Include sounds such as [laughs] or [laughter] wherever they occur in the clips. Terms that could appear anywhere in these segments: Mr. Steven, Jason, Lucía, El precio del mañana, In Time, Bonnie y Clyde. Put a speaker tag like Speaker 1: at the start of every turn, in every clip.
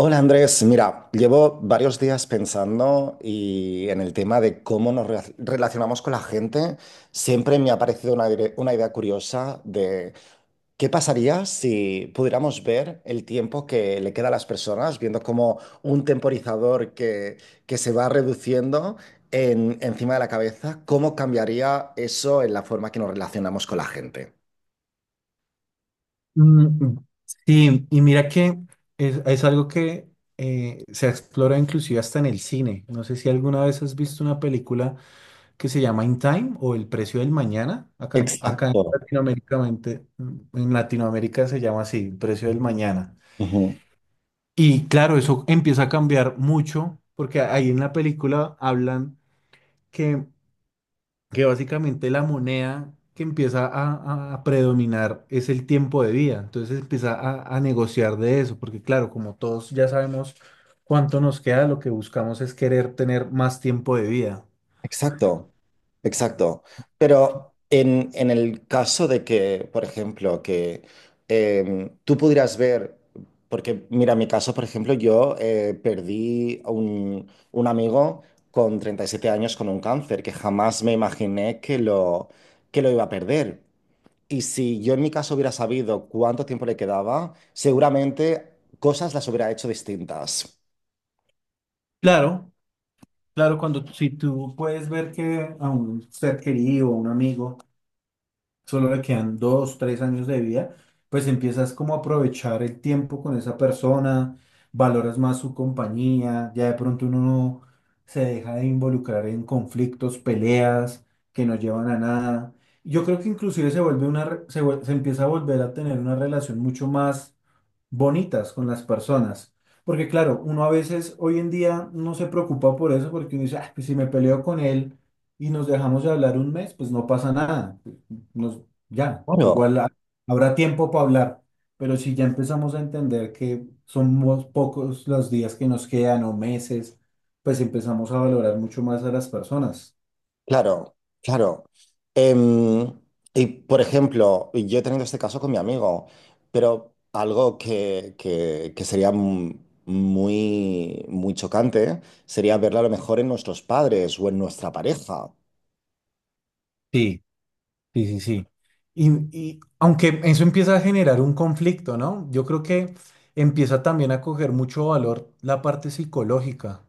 Speaker 1: Hola Andrés, mira, llevo varios días pensando y en el tema de cómo nos relacionamos con la gente. Siempre me ha parecido una idea curiosa de qué pasaría si pudiéramos ver el tiempo que le queda a las personas, viendo como un temporizador que se va reduciendo encima de la cabeza, cómo cambiaría eso en la forma que nos relacionamos con la gente.
Speaker 2: Mm, sí, y mira que es algo que se explora inclusive hasta en el cine. No sé si alguna vez has visto una película que se llama In Time o El precio del mañana. Acá, acá en
Speaker 1: Exacto.
Speaker 2: en Latinoamérica se llama así, El precio del mañana. Y claro, eso empieza a cambiar mucho porque ahí en la película hablan que que básicamente la moneda que empieza a predominar es el tiempo de vida. Entonces empieza a negociar de eso, porque claro, como todos ya sabemos cuánto nos queda, lo que buscamos es querer tener más tiempo de vida.
Speaker 1: Exacto, exacto. Pero en el caso de que, por ejemplo, que tú pudieras ver, porque mira, en mi caso, por ejemplo, yo perdí a un amigo con 37 años con un cáncer que jamás me imaginé que que lo iba a perder. Y si yo en mi caso hubiera sabido cuánto tiempo le quedaba, seguramente cosas las hubiera hecho distintas.
Speaker 2: Claro, claro, si tú puedes ver que a un ser querido, a un amigo, solo le quedan dos, tres años de vida, pues empiezas como a aprovechar el tiempo con esa persona, valoras más su compañía, ya de pronto uno no se deja de involucrar en conflictos, peleas que no llevan a nada. Yo creo que inclusive se vuelve una, re- se, vuel- se empieza a volver a tener una relación mucho más bonitas con las personas. Porque claro, uno a veces hoy en día no se preocupa por eso porque uno dice: "Ah, pues si me peleo con él y nos dejamos de hablar un mes, pues no pasa nada nos, ya,
Speaker 1: Claro.
Speaker 2: igual habrá tiempo para hablar, pero si ya empezamos a entender que somos pocos los días que nos quedan o meses, pues empezamos a valorar mucho más a las personas".
Speaker 1: Claro, claro. Em, y por ejemplo, yo he tenido este caso con mi amigo, pero algo que sería muy, muy chocante sería verlo a lo mejor en nuestros padres o en nuestra pareja.
Speaker 2: Sí, sí, sí, sí. Y, y aunque eso empieza a generar un conflicto, ¿no? Yo creo que empieza también a coger mucho valor la parte psicológica,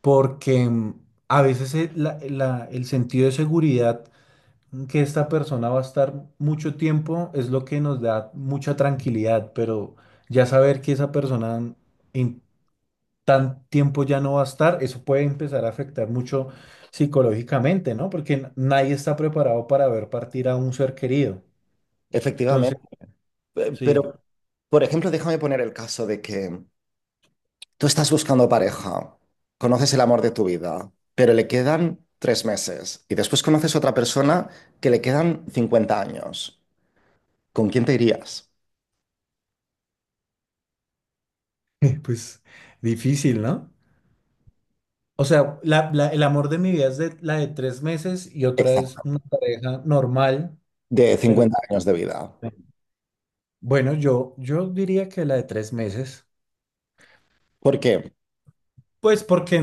Speaker 2: porque a veces el sentido de seguridad que esta persona va a estar mucho tiempo es lo que nos da mucha tranquilidad, pero ya saber que esa persona en tan tiempo ya no va a estar, eso puede empezar a afectar mucho psicológicamente, ¿no? Porque nadie está preparado para ver partir a un ser querido. Entonces,
Speaker 1: Efectivamente. Pero,
Speaker 2: sí.
Speaker 1: por ejemplo, déjame poner el caso de que tú estás buscando pareja, conoces el amor de tu vida, pero le quedan tres meses y después conoces otra persona que le quedan 50 años. ¿Con quién te irías?
Speaker 2: [laughs] Pues difícil, ¿no? O sea, el amor de mi vida es de, la de 3 meses y otra es
Speaker 1: Exacto.
Speaker 2: una pareja normal,
Speaker 1: De 50
Speaker 2: pero
Speaker 1: años de vida.
Speaker 2: bueno, yo diría que la de 3 meses.
Speaker 1: ¿Por qué?
Speaker 2: Pues porque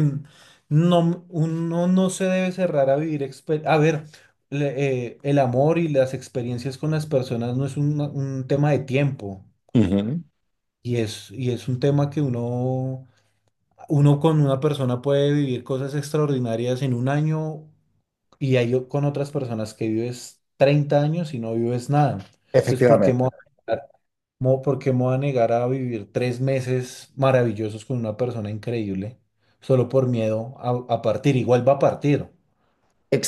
Speaker 2: no, uno no se debe cerrar a vivir a ver, el amor y las experiencias con las personas no es un tema de tiempo
Speaker 1: Ujú.
Speaker 2: y es un tema que uno con una persona puede vivir cosas extraordinarias en un año y hay con otras personas que vives 30 años y no vives nada. Entonces, ¿por qué me voy
Speaker 1: Efectivamente.
Speaker 2: a comparar? ¿Por qué me voy a negar a vivir 3 meses maravillosos con una persona increíble solo por miedo a partir? Igual va a partir.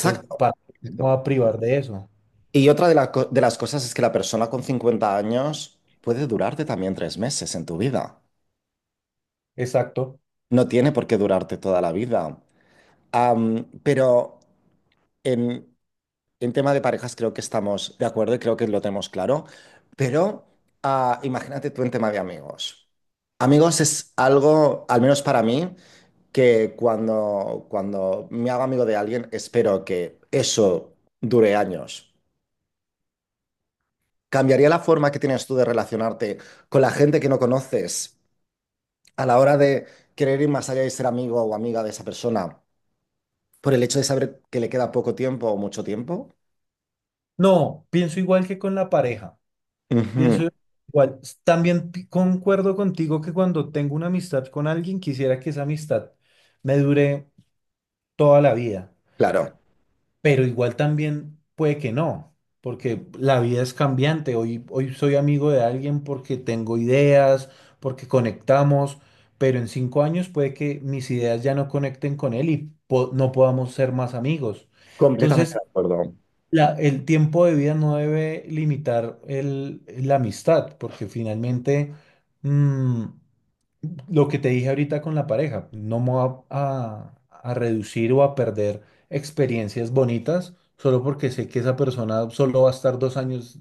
Speaker 2: Entonces, ¿para qué me voy
Speaker 1: Exacto.
Speaker 2: a privar de eso?
Speaker 1: Y otra de las cosas es que la persona con 50 años puede durarte también tres meses en tu vida.
Speaker 2: Exacto.
Speaker 1: No tiene por qué durarte toda la vida. Am, pero en, en tema de parejas creo que estamos de acuerdo y creo que lo tenemos claro. Pero ah, imagínate tú en tema de amigos. Amigos es algo, al menos para mí, que cuando me hago amigo de alguien, espero que eso dure años. ¿Cambiaría la forma que tienes tú de relacionarte con la gente que no conoces a la hora de querer ir más allá y ser amigo o amiga de esa persona por el hecho de saber que le queda poco tiempo o mucho tiempo?
Speaker 2: No, pienso igual que con la pareja.
Speaker 1: Ujú,
Speaker 2: Pienso igual. También concuerdo contigo que cuando tengo una amistad con alguien, quisiera que esa amistad me dure toda la vida.
Speaker 1: claro,
Speaker 2: Pero igual también puede que no, porque la vida es cambiante. Hoy, hoy soy amigo de alguien porque tengo ideas, porque conectamos, pero en 5 años puede que mis ideas ya no conecten con él y no podamos ser más amigos.
Speaker 1: completamente
Speaker 2: Entonces,
Speaker 1: de acuerdo.
Speaker 2: el tiempo de vida no debe limitar la amistad, porque finalmente... mm, lo que te dije ahorita con la pareja, no me voy a reducir o a perder experiencias bonitas solo porque sé que esa persona solo va a estar 2 años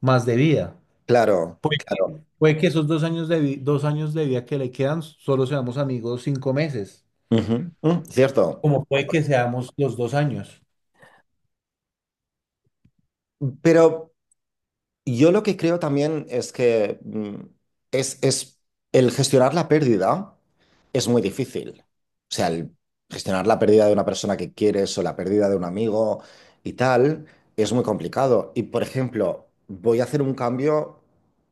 Speaker 2: más de vida.
Speaker 1: Claro,
Speaker 2: Puede,
Speaker 1: claro.
Speaker 2: puede que esos 2 años de vida que le quedan solo seamos amigos 5 meses,
Speaker 1: Ujú, mm, cierto.
Speaker 2: como puede que seamos los 2 años.
Speaker 1: Pero yo lo que creo también es que mm, es el gestionar la pérdida es muy difícil. O sea, el gestionar la pérdida de una persona que quieres o la pérdida de un amigo y tal es muy complicado. Y por ejemplo, voy a hacer un cambio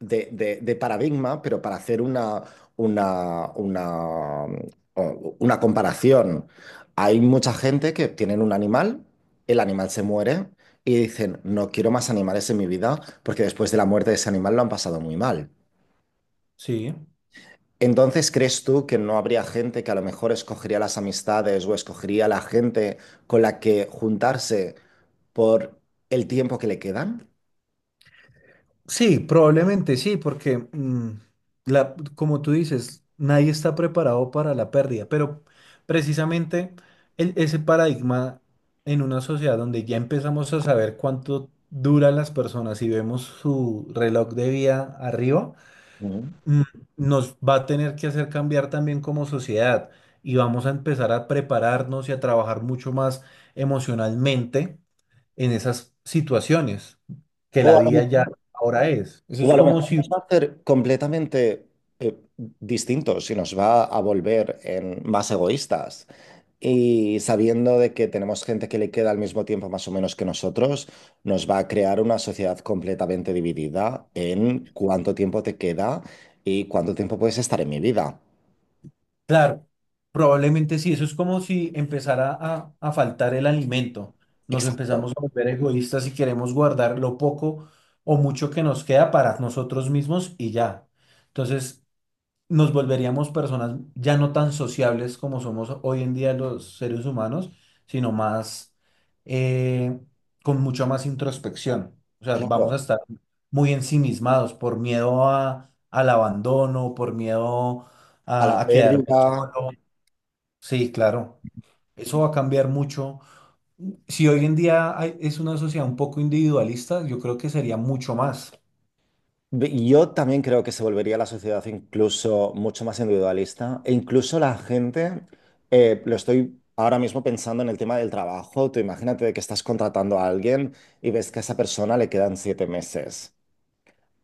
Speaker 1: de paradigma, pero para hacer una, mm, una comparación. Hay mucha gente que tienen un animal, el animal se muere y dicen, no quiero más animales en mi vida porque después de la muerte de ese animal lo han pasado muy mal.
Speaker 2: Sí.
Speaker 1: Entonces, ¿crees tú que no habría gente que a lo mejor escogería las amistades o escogería la gente con la que juntarse por el tiempo que le quedan?
Speaker 2: Sí, probablemente sí, porque como tú dices, nadie está preparado para la pérdida, pero precisamente ese paradigma en una sociedad donde ya empezamos a saber cuánto duran las personas y vemos su reloj de vida arriba,
Speaker 1: Mm.
Speaker 2: mm, nos va a tener que hacer cambiar también como sociedad y vamos a empezar a prepararnos y a trabajar mucho más emocionalmente en esas situaciones que
Speaker 1: O
Speaker 2: la
Speaker 1: a lo
Speaker 2: vida ya
Speaker 1: mejor
Speaker 2: ahora es. Eso
Speaker 1: O
Speaker 2: es
Speaker 1: a lo
Speaker 2: como
Speaker 1: mejor
Speaker 2: si,
Speaker 1: nos va a hacer completamente eh, distintos y nos va a volver en más egoístas. Y sabiendo de que tenemos gente que le queda al mismo tiempo más o menos que nosotros, nos va a crear una sociedad completamente dividida en cuánto tiempo te queda y cuánto tiempo puedes estar en mi vida.
Speaker 2: claro, probablemente sí, eso es como si empezara a faltar el alimento. Nos
Speaker 1: Exacto,
Speaker 2: empezamos a volver egoístas y queremos guardar lo poco o mucho que nos queda para nosotros mismos y ya. Entonces, nos volveríamos personas ya no tan sociables como somos hoy en día los seres humanos, sino más eh, con mucha más introspección. O sea, vamos a
Speaker 1: claro.
Speaker 2: estar muy ensimismados por miedo al abandono, por miedo
Speaker 1: A la
Speaker 2: a quedarme
Speaker 1: pérdida.
Speaker 2: solo. Sí, claro. Eso va a cambiar mucho. Si hoy en día es una sociedad un poco individualista, yo creo que sería mucho más.
Speaker 1: Yo también creo que se volvería la sociedad incluso mucho más individualista e incluso la gente, lo estoy ahora mismo pensando en el tema del trabajo, tú imagínate que estás contratando a alguien y ves que a esa persona le quedan 7 meses.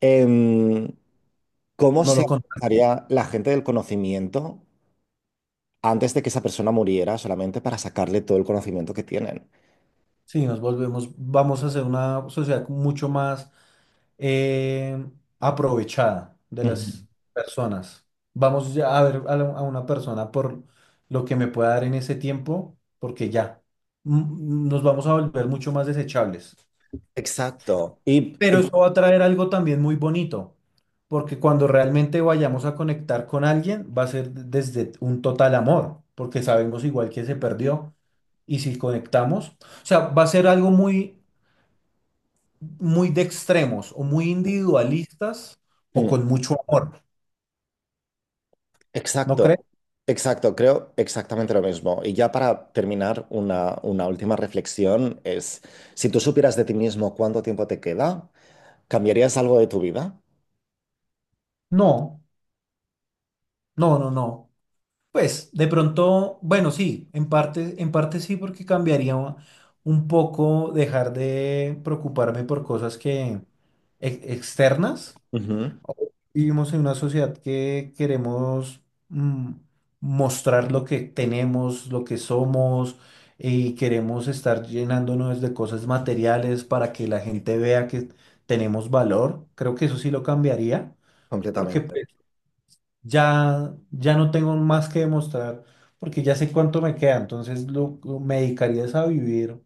Speaker 1: Em, ¿cómo
Speaker 2: No,
Speaker 1: se
Speaker 2: lo contrario.
Speaker 1: haría la gente del conocimiento antes de que esa persona muriera solamente para sacarle todo el conocimiento que tienen?
Speaker 2: Sí, vamos a ser una sociedad mucho más eh, aprovechada de
Speaker 1: Ujú.
Speaker 2: las personas. Vamos ya a ver a una persona por lo que me pueda dar en ese tiempo, porque ya nos vamos a volver mucho más desechables.
Speaker 1: Exacto.
Speaker 2: Pero eso va a traer algo también muy bonito, porque cuando realmente vayamos a conectar con alguien, va a ser desde un total amor, porque sabemos igual que se perdió. Y si conectamos, o sea, va a ser algo muy, muy de extremos o muy individualistas o
Speaker 1: Eh,
Speaker 2: con mucho amor. ¿No
Speaker 1: Exacto,
Speaker 2: crees?
Speaker 1: exacto, creo exactamente lo mismo. Y ya para terminar, una última reflexión es, si tú supieras de ti mismo cuánto tiempo te queda, ¿cambiarías algo de tu vida?
Speaker 2: No, no, no, no. Pues de pronto, bueno, sí, en parte sí, porque cambiaría un poco dejar de preocuparme por cosas que externas.
Speaker 1: Ujú,
Speaker 2: Vivimos en una sociedad que queremos mm, mostrar lo que tenemos, lo que somos, y queremos estar llenándonos de cosas materiales para que la gente vea que tenemos valor. Creo que eso sí lo cambiaría, porque
Speaker 1: completamente.
Speaker 2: ya no tengo más que demostrar porque ya sé cuánto me queda, entonces me dedicaría es a vivir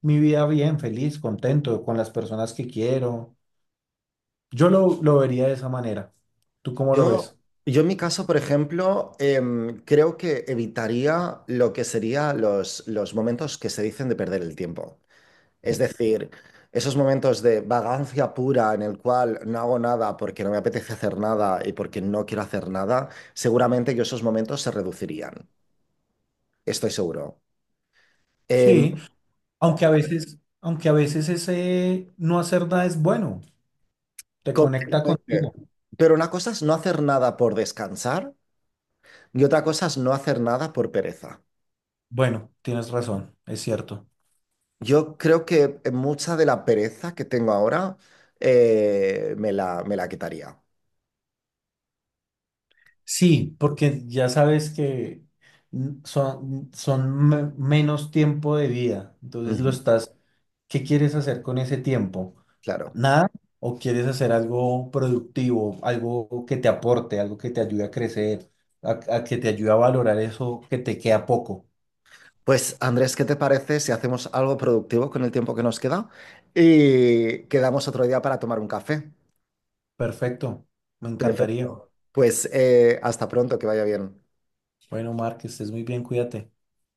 Speaker 2: mi vida bien, feliz, contento, con las personas que quiero. Yo lo vería de esa manera. ¿Tú cómo lo
Speaker 1: Yo,
Speaker 2: ves?
Speaker 1: yo en mi caso, por ejemplo, em, creo que evitaría lo que serían los momentos que se dicen de perder el tiempo. Es decir, esos momentos de vagancia pura en el cual no hago nada porque no me apetece hacer nada y porque no quiero hacer nada, seguramente que esos momentos se reducirían. Estoy seguro. Eh,
Speaker 2: Sí, aunque a veces ese no hacer nada es bueno, te conecta contigo.
Speaker 1: completamente. Pero una cosa es no hacer nada por descansar y otra cosa es no hacer nada por pereza.
Speaker 2: Bueno, tienes razón, es cierto.
Speaker 1: Yo creo que mucha de la pereza que tengo ahora me la quitaría.
Speaker 2: Sí, porque ya sabes que menos tiempo de vida. Entonces lo
Speaker 1: Ujú,
Speaker 2: estás, ¿qué quieres hacer con ese tiempo?
Speaker 1: claro.
Speaker 2: ¿Nada? ¿O quieres hacer algo productivo, algo que te aporte, algo que te ayude a crecer, a que te ayude a valorar eso que te queda poco?
Speaker 1: Pues Andrés, ¿qué te parece si hacemos algo productivo con el tiempo que nos queda y quedamos otro día para tomar un café?
Speaker 2: Perfecto, me encantaría.
Speaker 1: Perfecto. Pues hasta pronto, que vaya bien.
Speaker 2: Bueno, Mark, que estés muy bien, cuídate.